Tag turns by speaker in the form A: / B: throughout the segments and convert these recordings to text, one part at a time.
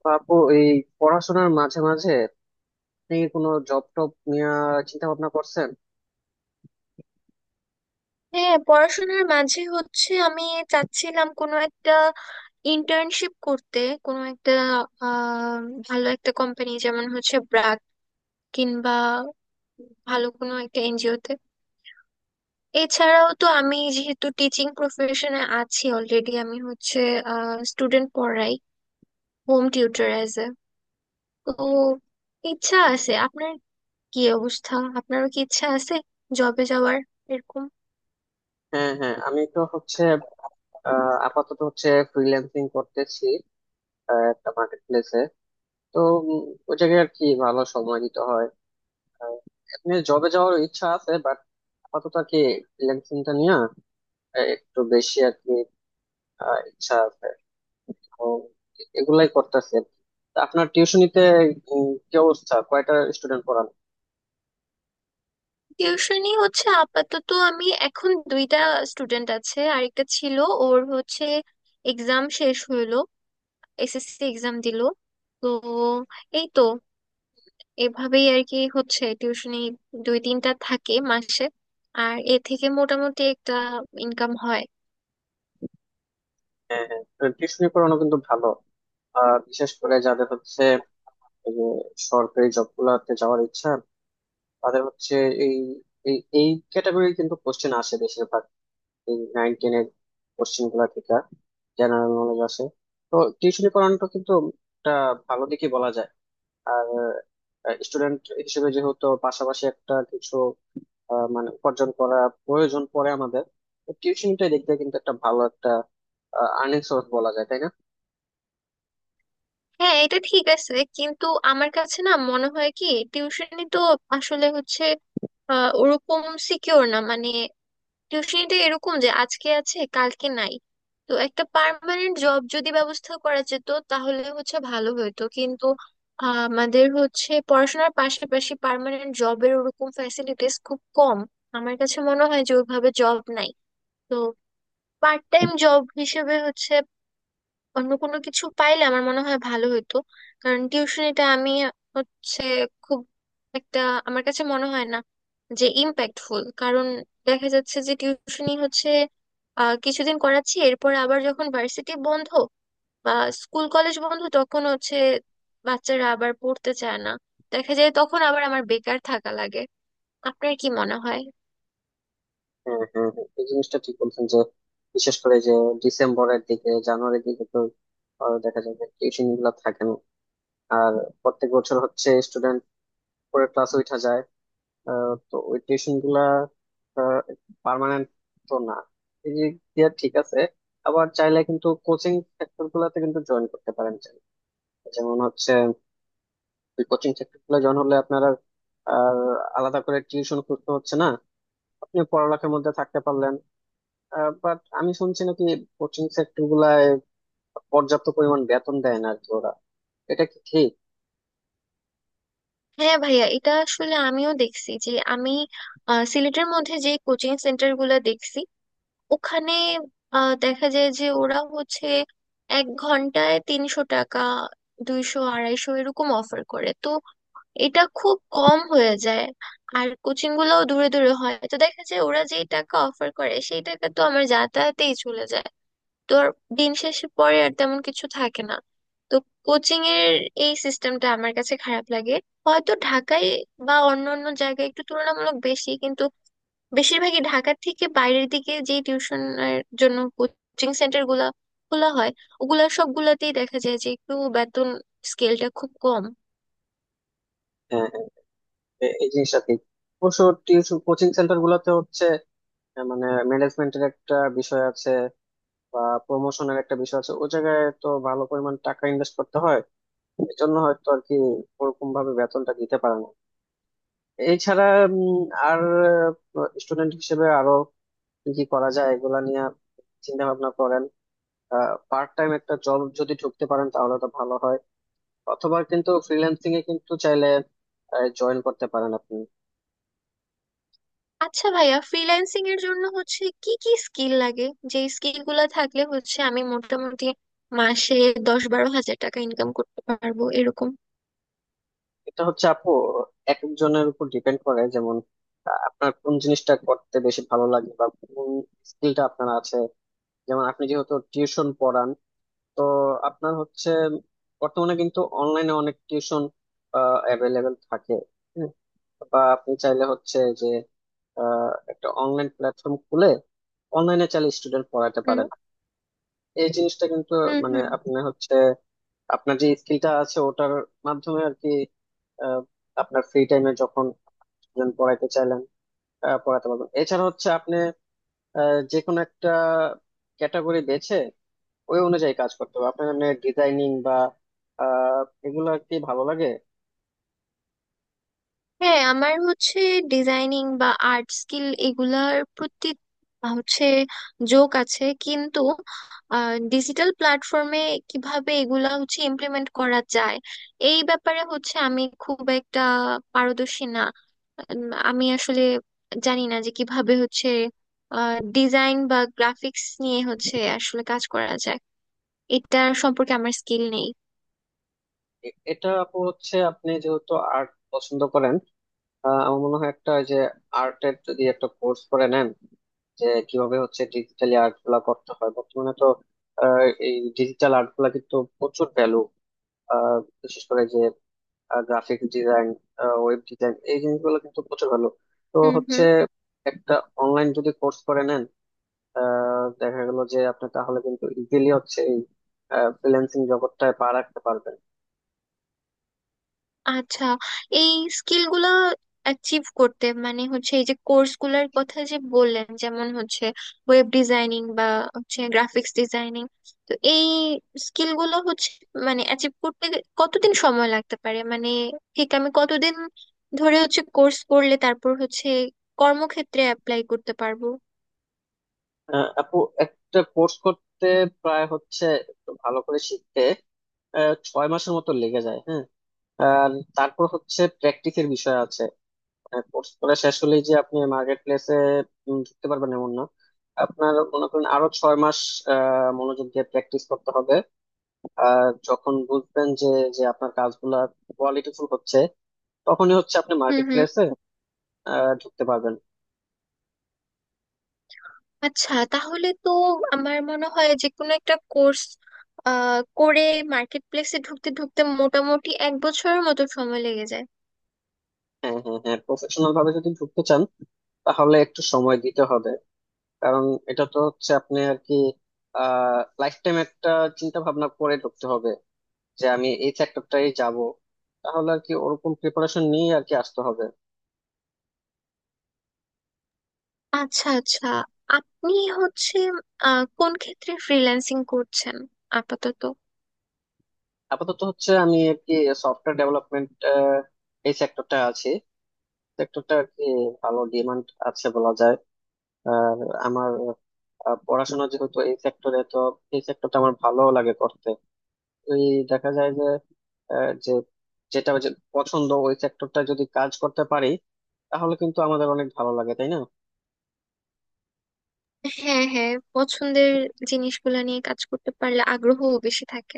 A: তো আপু এই পড়াশোনার মাঝে মাঝে আপনি কোনো জব টব নিয়ে চিন্তা ভাবনা করছেন?
B: হ্যাঁ, পড়াশোনার মাঝে হচ্ছে আমি চাচ্ছিলাম কোনো একটা ইন্টার্নশিপ করতে, কোনো একটা আহ ভালো একটা কোম্পানি, যেমন হচ্ছে ব্র্যাক, কিংবা ভালো কোনো একটা এনজিওতে। এছাড়াও তো আমি যেহেতু টিচিং প্রফেশনে আছি অলরেডি, আমি হচ্ছে স্টুডেন্ট পড়াই, হোম টিউটর অ্যাজ এ। তো ইচ্ছা আছে আপনার? কি অবস্থা? আপনারও কি ইচ্ছা আছে জবে যাওয়ার এরকম?
A: হ্যাঁ হ্যাঁ, আমি তো হচ্ছে আপাতত হচ্ছে ফ্রিল্যান্সিং করতেছি। একটা মার্কেট প্লেসে। তো উম, ওই জায়গায় আর কি ভালো সময় দিতে হয়। আহ, এমনি জবে যাওয়ার ইচ্ছা আছে বাট আপাতত আর কি ফ্রিল্যান্সিংটা নিয়ে একটু বেশি আর কি ইচ্ছা আছে। তো এগুলাই করতেছি আর কি। তা আপনার টিউশনিতে কি অবস্থা? কয়টা স্টুডেন্ট পড়ান?
B: টিউশনি হচ্ছে আপাতত আমি এখন 2টা স্টুডেন্ট আছে, আরেকটা ছিল, ওর হচ্ছে এক্সাম শেষ হইলো, এসএসসি এক্সাম দিলো। তো এই তো এভাবেই আর কি হচ্ছে টিউশনি 2-3টা থাকে মাসে, আর এ থেকে মোটামুটি একটা ইনকাম হয়।
A: হ্যাঁ হ্যাঁ, টিউশনি পড়ানো কিন্তু ভালো। বিশেষ করে যাদের হচ্ছে এই যে সরকারি জব গুলাতে যাওয়ার ইচ্ছা, তাদের হচ্ছে এই এই এই ক্যাটাগরির কিন্তু কোশ্চেন আসে বেশিরভাগ। এই 9-10-এর কোশ্চেন গুলা থেকে জেনারেল নলেজ আসে। তো টিউশনি পড়ানোটা কিন্তু একটা ভালো দিকই বলা যায়। আর স্টুডেন্ট হিসেবে যেহেতু পাশাপাশি একটা কিছু মানে উপার্জন করা প্রয়োজন পড়ে আমাদের, টিউশনটাই দেখতে কিন্তু একটা ভালো একটা আর্নিং সোর্স বলা যায় তাই না?
B: হ্যাঁ, এটা ঠিক আছে, কিন্তু আমার কাছে না মনে হয় কি, টিউশনি তো আসলে হচ্ছে ওরকম সিকিউর না, মানে টিউশনিটা এরকম যে আজকে আছে কালকে নাই। তো একটা পার্মানেন্ট জব যদি ব্যবস্থা করা যেত তাহলে হচ্ছে ভালো হতো, কিন্তু আমাদের হচ্ছে পড়াশোনার পাশাপাশি পার্মানেন্ট জবের ওরকম ফ্যাসিলিটিস খুব কম। আমার কাছে মনে হয় যে ওইভাবে জব নাই। তো পার্ট টাইম জব হিসেবে হচ্ছে অন্য কোনো কিছু পাইলে আমার মনে হয় ভালো হতো। কারণ টিউশনিটা আমি হচ্ছে খুব একটা, আমার কাছে মনে হয় না যে ইম্প্যাক্টফুল, কারণ দেখা যাচ্ছে যে টিউশনি হচ্ছে কিছুদিন করাচ্ছি, এরপর আবার যখন ভার্সিটি বন্ধ বা স্কুল কলেজ বন্ধ, তখন হচ্ছে বাচ্চারা আবার পড়তে চায় না, দেখা যায় তখন আবার আমার বেকার থাকা লাগে। আপনার কি মনে হয়?
A: হ্যাঁ হ্যাঁ হ্যাঁ, এই জিনিসটা ঠিক বলছেন যে বিশেষ করে যে ডিসেম্বরের দিকে জানুয়ারির দিকে তো দেখা যায় যে টিউশন গুলা থাকে না। আর প্রত্যেক বছর হচ্ছে স্টুডেন্ট পরে ক্লাস উঠা যায়। তো ওই টিউশন গুলা পার্মানেন্ট তো না। এই দিক দিয়ে ঠিক আছে। আবার চাইলে কিন্তু কোচিং সেক্টর গুলাতে কিন্তু জয়েন করতে পারেন চাইলে। যেমন হচ্ছে কোচিং সেক্টর গুলো জয়েন হলে আপনারা আর আর আলাদা করে টিউশন করতে হচ্ছে না, আপনি পড়ালেখার মধ্যে থাকতে পারলেন। বাট আমি শুনছি নাকি কোচিং সেক্টর গুলায় পর্যাপ্ত পরিমাণ বেতন দেয় না আর কি ওরা। এটা কি ঠিক?
B: হ্যাঁ ভাইয়া, এটা আসলে আমিও দেখছি যে আমি সিলেটের মধ্যে যে কোচিং সেন্টার গুলা দেখছি ওখানে, দেখা যায় যে ওরা হচ্ছে 1 ঘন্টায় 300 টাকা, 200 250 এরকম অফার করে। তো এটা খুব কম হয়ে যায়, আর কোচিং গুলোও দূরে দূরে হয়, তো দেখা যায় ওরা যেই টাকা অফার করে সেই টাকা তো আমার যাতায়াতেই চলে যায়। তো আর দিন শেষে পরে আর তেমন কিছু থাকে না। তো কোচিং এর এই সিস্টেমটা আমার কাছে খারাপ লাগে। হয়তো ঢাকায় বা অন্য অন্য জায়গায় একটু তুলনামূলক বেশি, কিন্তু বেশিরভাগই ঢাকার থেকে বাইরের দিকে যে টিউশনের জন্য কোচিং সেন্টার গুলা খোলা হয়, ওগুলা সবগুলাতেই দেখা যায় যে একটু বেতন স্কেলটা খুব কম।
A: হ্যাঁ হ্যাঁ, এই জিনিসটা ঠিক। অবশ্য টিউশন কোচিং সেন্টার গুলোতে হচ্ছে মানে ম্যানেজমেন্টের একটা বিষয় আছে বা প্রমোশনের একটা বিষয় আছে। ওই জায়গায় তো ভালো পরিমাণ টাকা ইনভেস্ট করতে হয়। এই জন্য হয়তো আর কি ওরকম ভাবে বেতনটা দিতে পারে না। এছাড়া উম, আর স্টুডেন্ট হিসেবে আরো কি কি করা যায় এগুলা নিয়ে চিন্তা ভাবনা করেন। পার্ট টাইম একটা জব যদি ঢুকতে পারেন তাহলে তো ভালো হয়, অথবা কিন্তু ফ্রিল্যান্সিং এ কিন্তু চাইলে জয়েন করতে পারেন আপনি।
B: আচ্ছা ভাইয়া, ফ্রিল্যান্সিং এর জন্য হচ্ছে কি কি স্কিল লাগে, যে স্কিল গুলা থাকলে হচ্ছে আমি মোটামুটি মাসে 10-12 হাজার টাকা ইনকাম করতে পারবো এরকম?
A: এটা হচ্ছে আপু এক একজনের উপর ডিপেন্ড করে। যেমন আপনার কোন জিনিসটা করতে বেশি ভালো লাগে বা কোন স্কিলটা আপনার আছে। যেমন আপনি যেহেতু টিউশন পড়ান, তো আপনার হচ্ছে বর্তমানে কিন্তু অনলাইনে অনেক টিউশন অ্যাভেলেবেল থাকে। হুম। বা আপনি চাইলে হচ্ছে যে একটা অনলাইন প্ল্যাটফর্ম খুলে অনলাইনে চাইলে স্টুডেন্ট পড়াতে,
B: হুম,
A: এই জিনিসটা কিন্তু
B: হুম,
A: মানে
B: হুম।
A: আপনি হচ্ছে আপনার যে স্কিলটা আছে ওটার মাধ্যমে আর কি আহ, আপনার ফ্রি টাইমে যখন student পড়াইতে চাইলেন, পড়াতে পারবেন। এছাড়া হচ্ছে আপনি যে কোনো একটা ক্যাটাগরি বেছে ওই অনুযায়ী কাজ করতে হবে আপনার, মানে ডিজাইনিং বা আহ, এগুলো আর কি ভালো লাগে।
B: হ্যাঁ, আমার হচ্ছে ডিজাইনিং বা আর্ট স্কিল এগুলার প্রতি হচ্ছে ঝোঁক আছে, কিন্তু ডিজিটাল প্ল্যাটফর্মে কিভাবে এগুলা হচ্ছে ইমপ্লিমেন্ট করা যায় এই ব্যাপারে হচ্ছে আমি খুব একটা পারদর্শী না। আমি আসলে জানি না যে কিভাবে হচ্ছে ডিজাইন বা গ্রাফিক্স নিয়ে হচ্ছে আসলে কাজ করা যায়, এটার সম্পর্কে আমার স্কিল নেই।
A: এটা আপু হচ্ছে আপনি যেহেতু আর্ট পছন্দ করেন, আমার মনে হয় একটা ওই যে আর্টের যদি একটা কোর্স করে নেন, যে কিভাবে হচ্ছে ডিজিটালি আর্ট গুলা করতে হয় বর্তমানে তো। আহ, এই ডিজিটাল আর্ট গুলা কিন্তু প্রচুর ভ্যালু। বিশেষ করে যে গ্রাফিক ডিজাইন, ওয়েব ডিজাইন, এই জিনিসগুলো কিন্তু প্রচুর ভ্যালু। তো
B: হুম,
A: হচ্ছে
B: হুম।
A: একটা অনলাইন যদি কোর্স করে নেন দেখা গেল যে আপনি তাহলে কিন্তু ইজিলি হচ্ছে এই ফ্রিল্যান্সিং জগৎটায় পা রাখতে পারবেন।
B: আচ্ছা, এই স্কিল গুলা অ্যাচিভ করতে, মানে হচ্ছে এই যে কোর্স গুলার কথা যে বললেন, যেমন হচ্ছে ওয়েব ডিজাইনিং বা হচ্ছে গ্রাফিক্স ডিজাইনিং, তো এই স্কিল গুলো হচ্ছে মানে অ্যাচিভ করতে কতদিন সময় লাগতে পারে? মানে ঠিক আমি কতদিন ধরে হচ্ছে কোর্স করলে তারপর হচ্ছে কর্মক্ষেত্রে অ্যাপ্লাই করতে পারবো?
A: আপু একটা কোর্স করতে প্রায় হচ্ছে একটু ভালো করে শিখতে 6 মাসের মতো লেগে যায়, হ্যাঁ। আর তারপর হচ্ছে প্র্যাকটিসের বিষয় আছে। কোর্স করা শেষ হলেই যে আপনি মার্কেট প্লেসে ঢুকতে পারবেন এমন না। আপনার মনে করেন আরো 6 মাস মনোযোগ দিয়ে প্র্যাকটিস করতে হবে। আর যখন বুঝবেন যে যে আপনার কাজগুলা কোয়ালিটিফুল হচ্ছে, তখনই হচ্ছে আপনি
B: হুম,
A: মার্কেট
B: হুম।
A: প্লেসে ঢুকতে পারবেন।
B: আচ্ছা, তাহলে তো আমার মনে হয় যে কোনো একটা কোর্স করে মার্কেট প্লেসে ঢুকতে ঢুকতে মোটামুটি 1 বছরের মতো সময় লেগে যায়।
A: হ্যাঁ হ্যাঁ হ্যাঁ, প্রফেশনাল ভাবে যদি ঢুকতে চান তাহলে একটু সময় দিতে হবে। কারণ এটা তো হচ্ছে আপনি আর কি আহ লাইফ টাইম একটা চিন্তা ভাবনা করে ঢুকতে হবে যে আমি এই সেক্টরটাই যাব। তাহলে আর কি ওরকম প্রিপারেশন নিয়ে আর কি আসতে হবে।
B: আচ্ছা, আচ্ছা। আপনি হচ্ছে কোন ক্ষেত্রে ফ্রিল্যান্সিং করছেন আপাতত?
A: আপাতত হচ্ছে আমি আর কি সফটওয়্যার ডেভেলপমেন্ট এই সেক্টরটা আছি। সেক্টরটা আর কি ভালো ডিমান্ড আছে বলা যায়। আর আমার পড়াশোনা যেহেতু এই সেক্টরে, তো এই সেক্টরটা আমার ভালো লাগে করতে। ওই দেখা যায় যে আহ, যে যেটা পছন্দ ওই সেক্টরটা যদি কাজ করতে পারি তাহলে কিন্তু আমাদের অনেক ভালো লাগে তাই না?
B: হ্যাঁ, হ্যাঁ, পছন্দের জিনিসগুলা নিয়ে কাজ করতে পারলে আগ্রহও বেশি থাকে।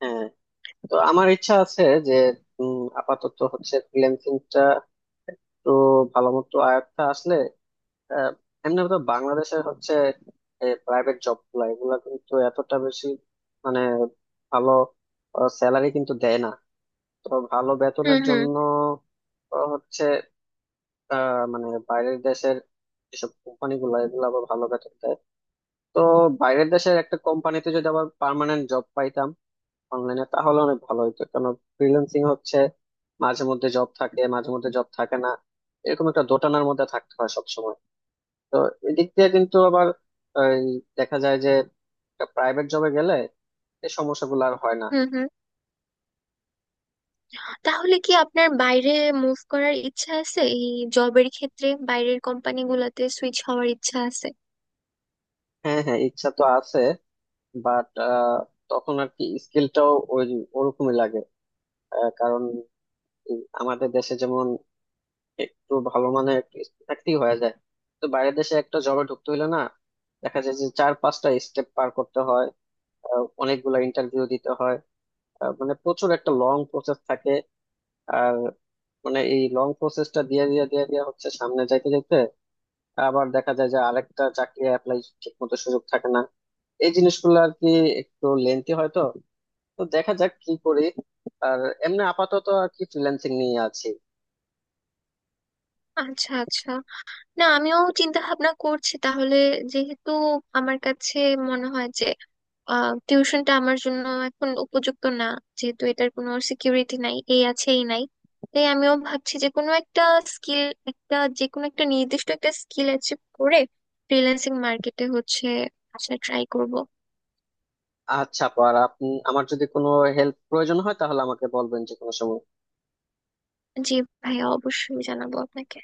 A: হ্যাঁ। তো আমার ইচ্ছা আছে যে আপাতত হচ্ছে ফ্রিল্যান্সিংটা একটু ভালো মতো আয়ত্তে আসলে আহ, এমনি তো বাংলাদেশের হচ্ছে প্রাইভেট জব গুলা এগুলা কিন্তু এতটা বেশি মানে ভালো স্যালারি কিন্তু দেয় না। তো ভালো বেতনের
B: হুম, হুম।
A: জন্য আহ, হচ্ছে মানে বাইরের দেশের যেসব কোম্পানি গুলা এগুলো আবার ভালো বেতন দেয়। তো বাইরের দেশের একটা কোম্পানিতে যদি আবার পার্মানেন্ট জব পাইতাম অনলাইনে তাহলে অনেক ভালো হতো। কেন? ফ্রিল্যান্সিং হচ্ছে মাঝে মধ্যে জব থাকে মাঝে মধ্যে জব থাকে না, এরকম একটা দোটানার মধ্যে থাকতে হয় সবসময়। তো এদিক দিয়ে কিন্তু আবার এই দেখা যায় যে প্রাইভেট জবে গেলে এই সমস্যাগুলো আর হয় না।
B: হুম, হুম। তাহলে কি আপনার বাইরে মুভ করার ইচ্ছা আছে? এই জবের ক্ষেত্রে বাইরের কোম্পানিগুলোতে সুইচ হওয়ার ইচ্ছা আছে?
A: হ্যাঁ হ্যাঁ, ইচ্ছা তো আছে বাট তখন আর কি স্কিলটাও ওই ওরকমই লাগে। কারণ এই আমাদের দেশে যেমন একটু ভালো মানের একটু skill থাকতেই হয়ে যায়। তো বাইরের দেশে একটা জবে ঢুকতে হইলে না দেখা যায় যে 4-5টা স্টেপ পার করতে হয়। অনেকগুলা ইন্টারভিউ দিতে হয়। মানে প্রচুর একটা লং প্রসেস থাকে। আর মানে এই লং প্রসেসটা দিয়ে দিয়ে হচ্ছে সামনে যাইতে যাইতে আবার দেখা যায় যে আরেকটা চাকরি অ্যাপ্লাই ঠিক মতো সুযোগ থাকে না। এই জিনিসগুলো আর কি একটু লেন্থি হয় তো। তো দেখা যাক কি করি। আর এমনি আপাতত আর কি ফ্রিল্যান্সিং নিয়ে আছি।
B: আচ্ছা, আচ্ছা। না, আমিও চিন্তা ভাবনা করছি তাহলে, যেহেতু আমার কাছে মনে হয় যে টিউশনটা আমার জন্য এখন উপযুক্ত না, যেহেতু এটার কোনো সিকিউরিটি নাই, এই আছে এই নাই, তাই আমিও ভাবছি যে কোনো একটা স্কিল, একটা যে কোনো একটা নির্দিষ্ট একটা স্কিল অ্যাচিভ করে ফ্রিল্যান্সিং মার্কেটে হচ্ছে, আচ্ছা ট্রাই করব।
A: আচ্ছা পর আপনি আমার যদি কোনো হেল্প প্রয়োজন হয় তাহলে আমাকে বলবেন যে কোনো সময়।
B: জি ভাইয়া, অবশ্যই জানাবো আপনাকে।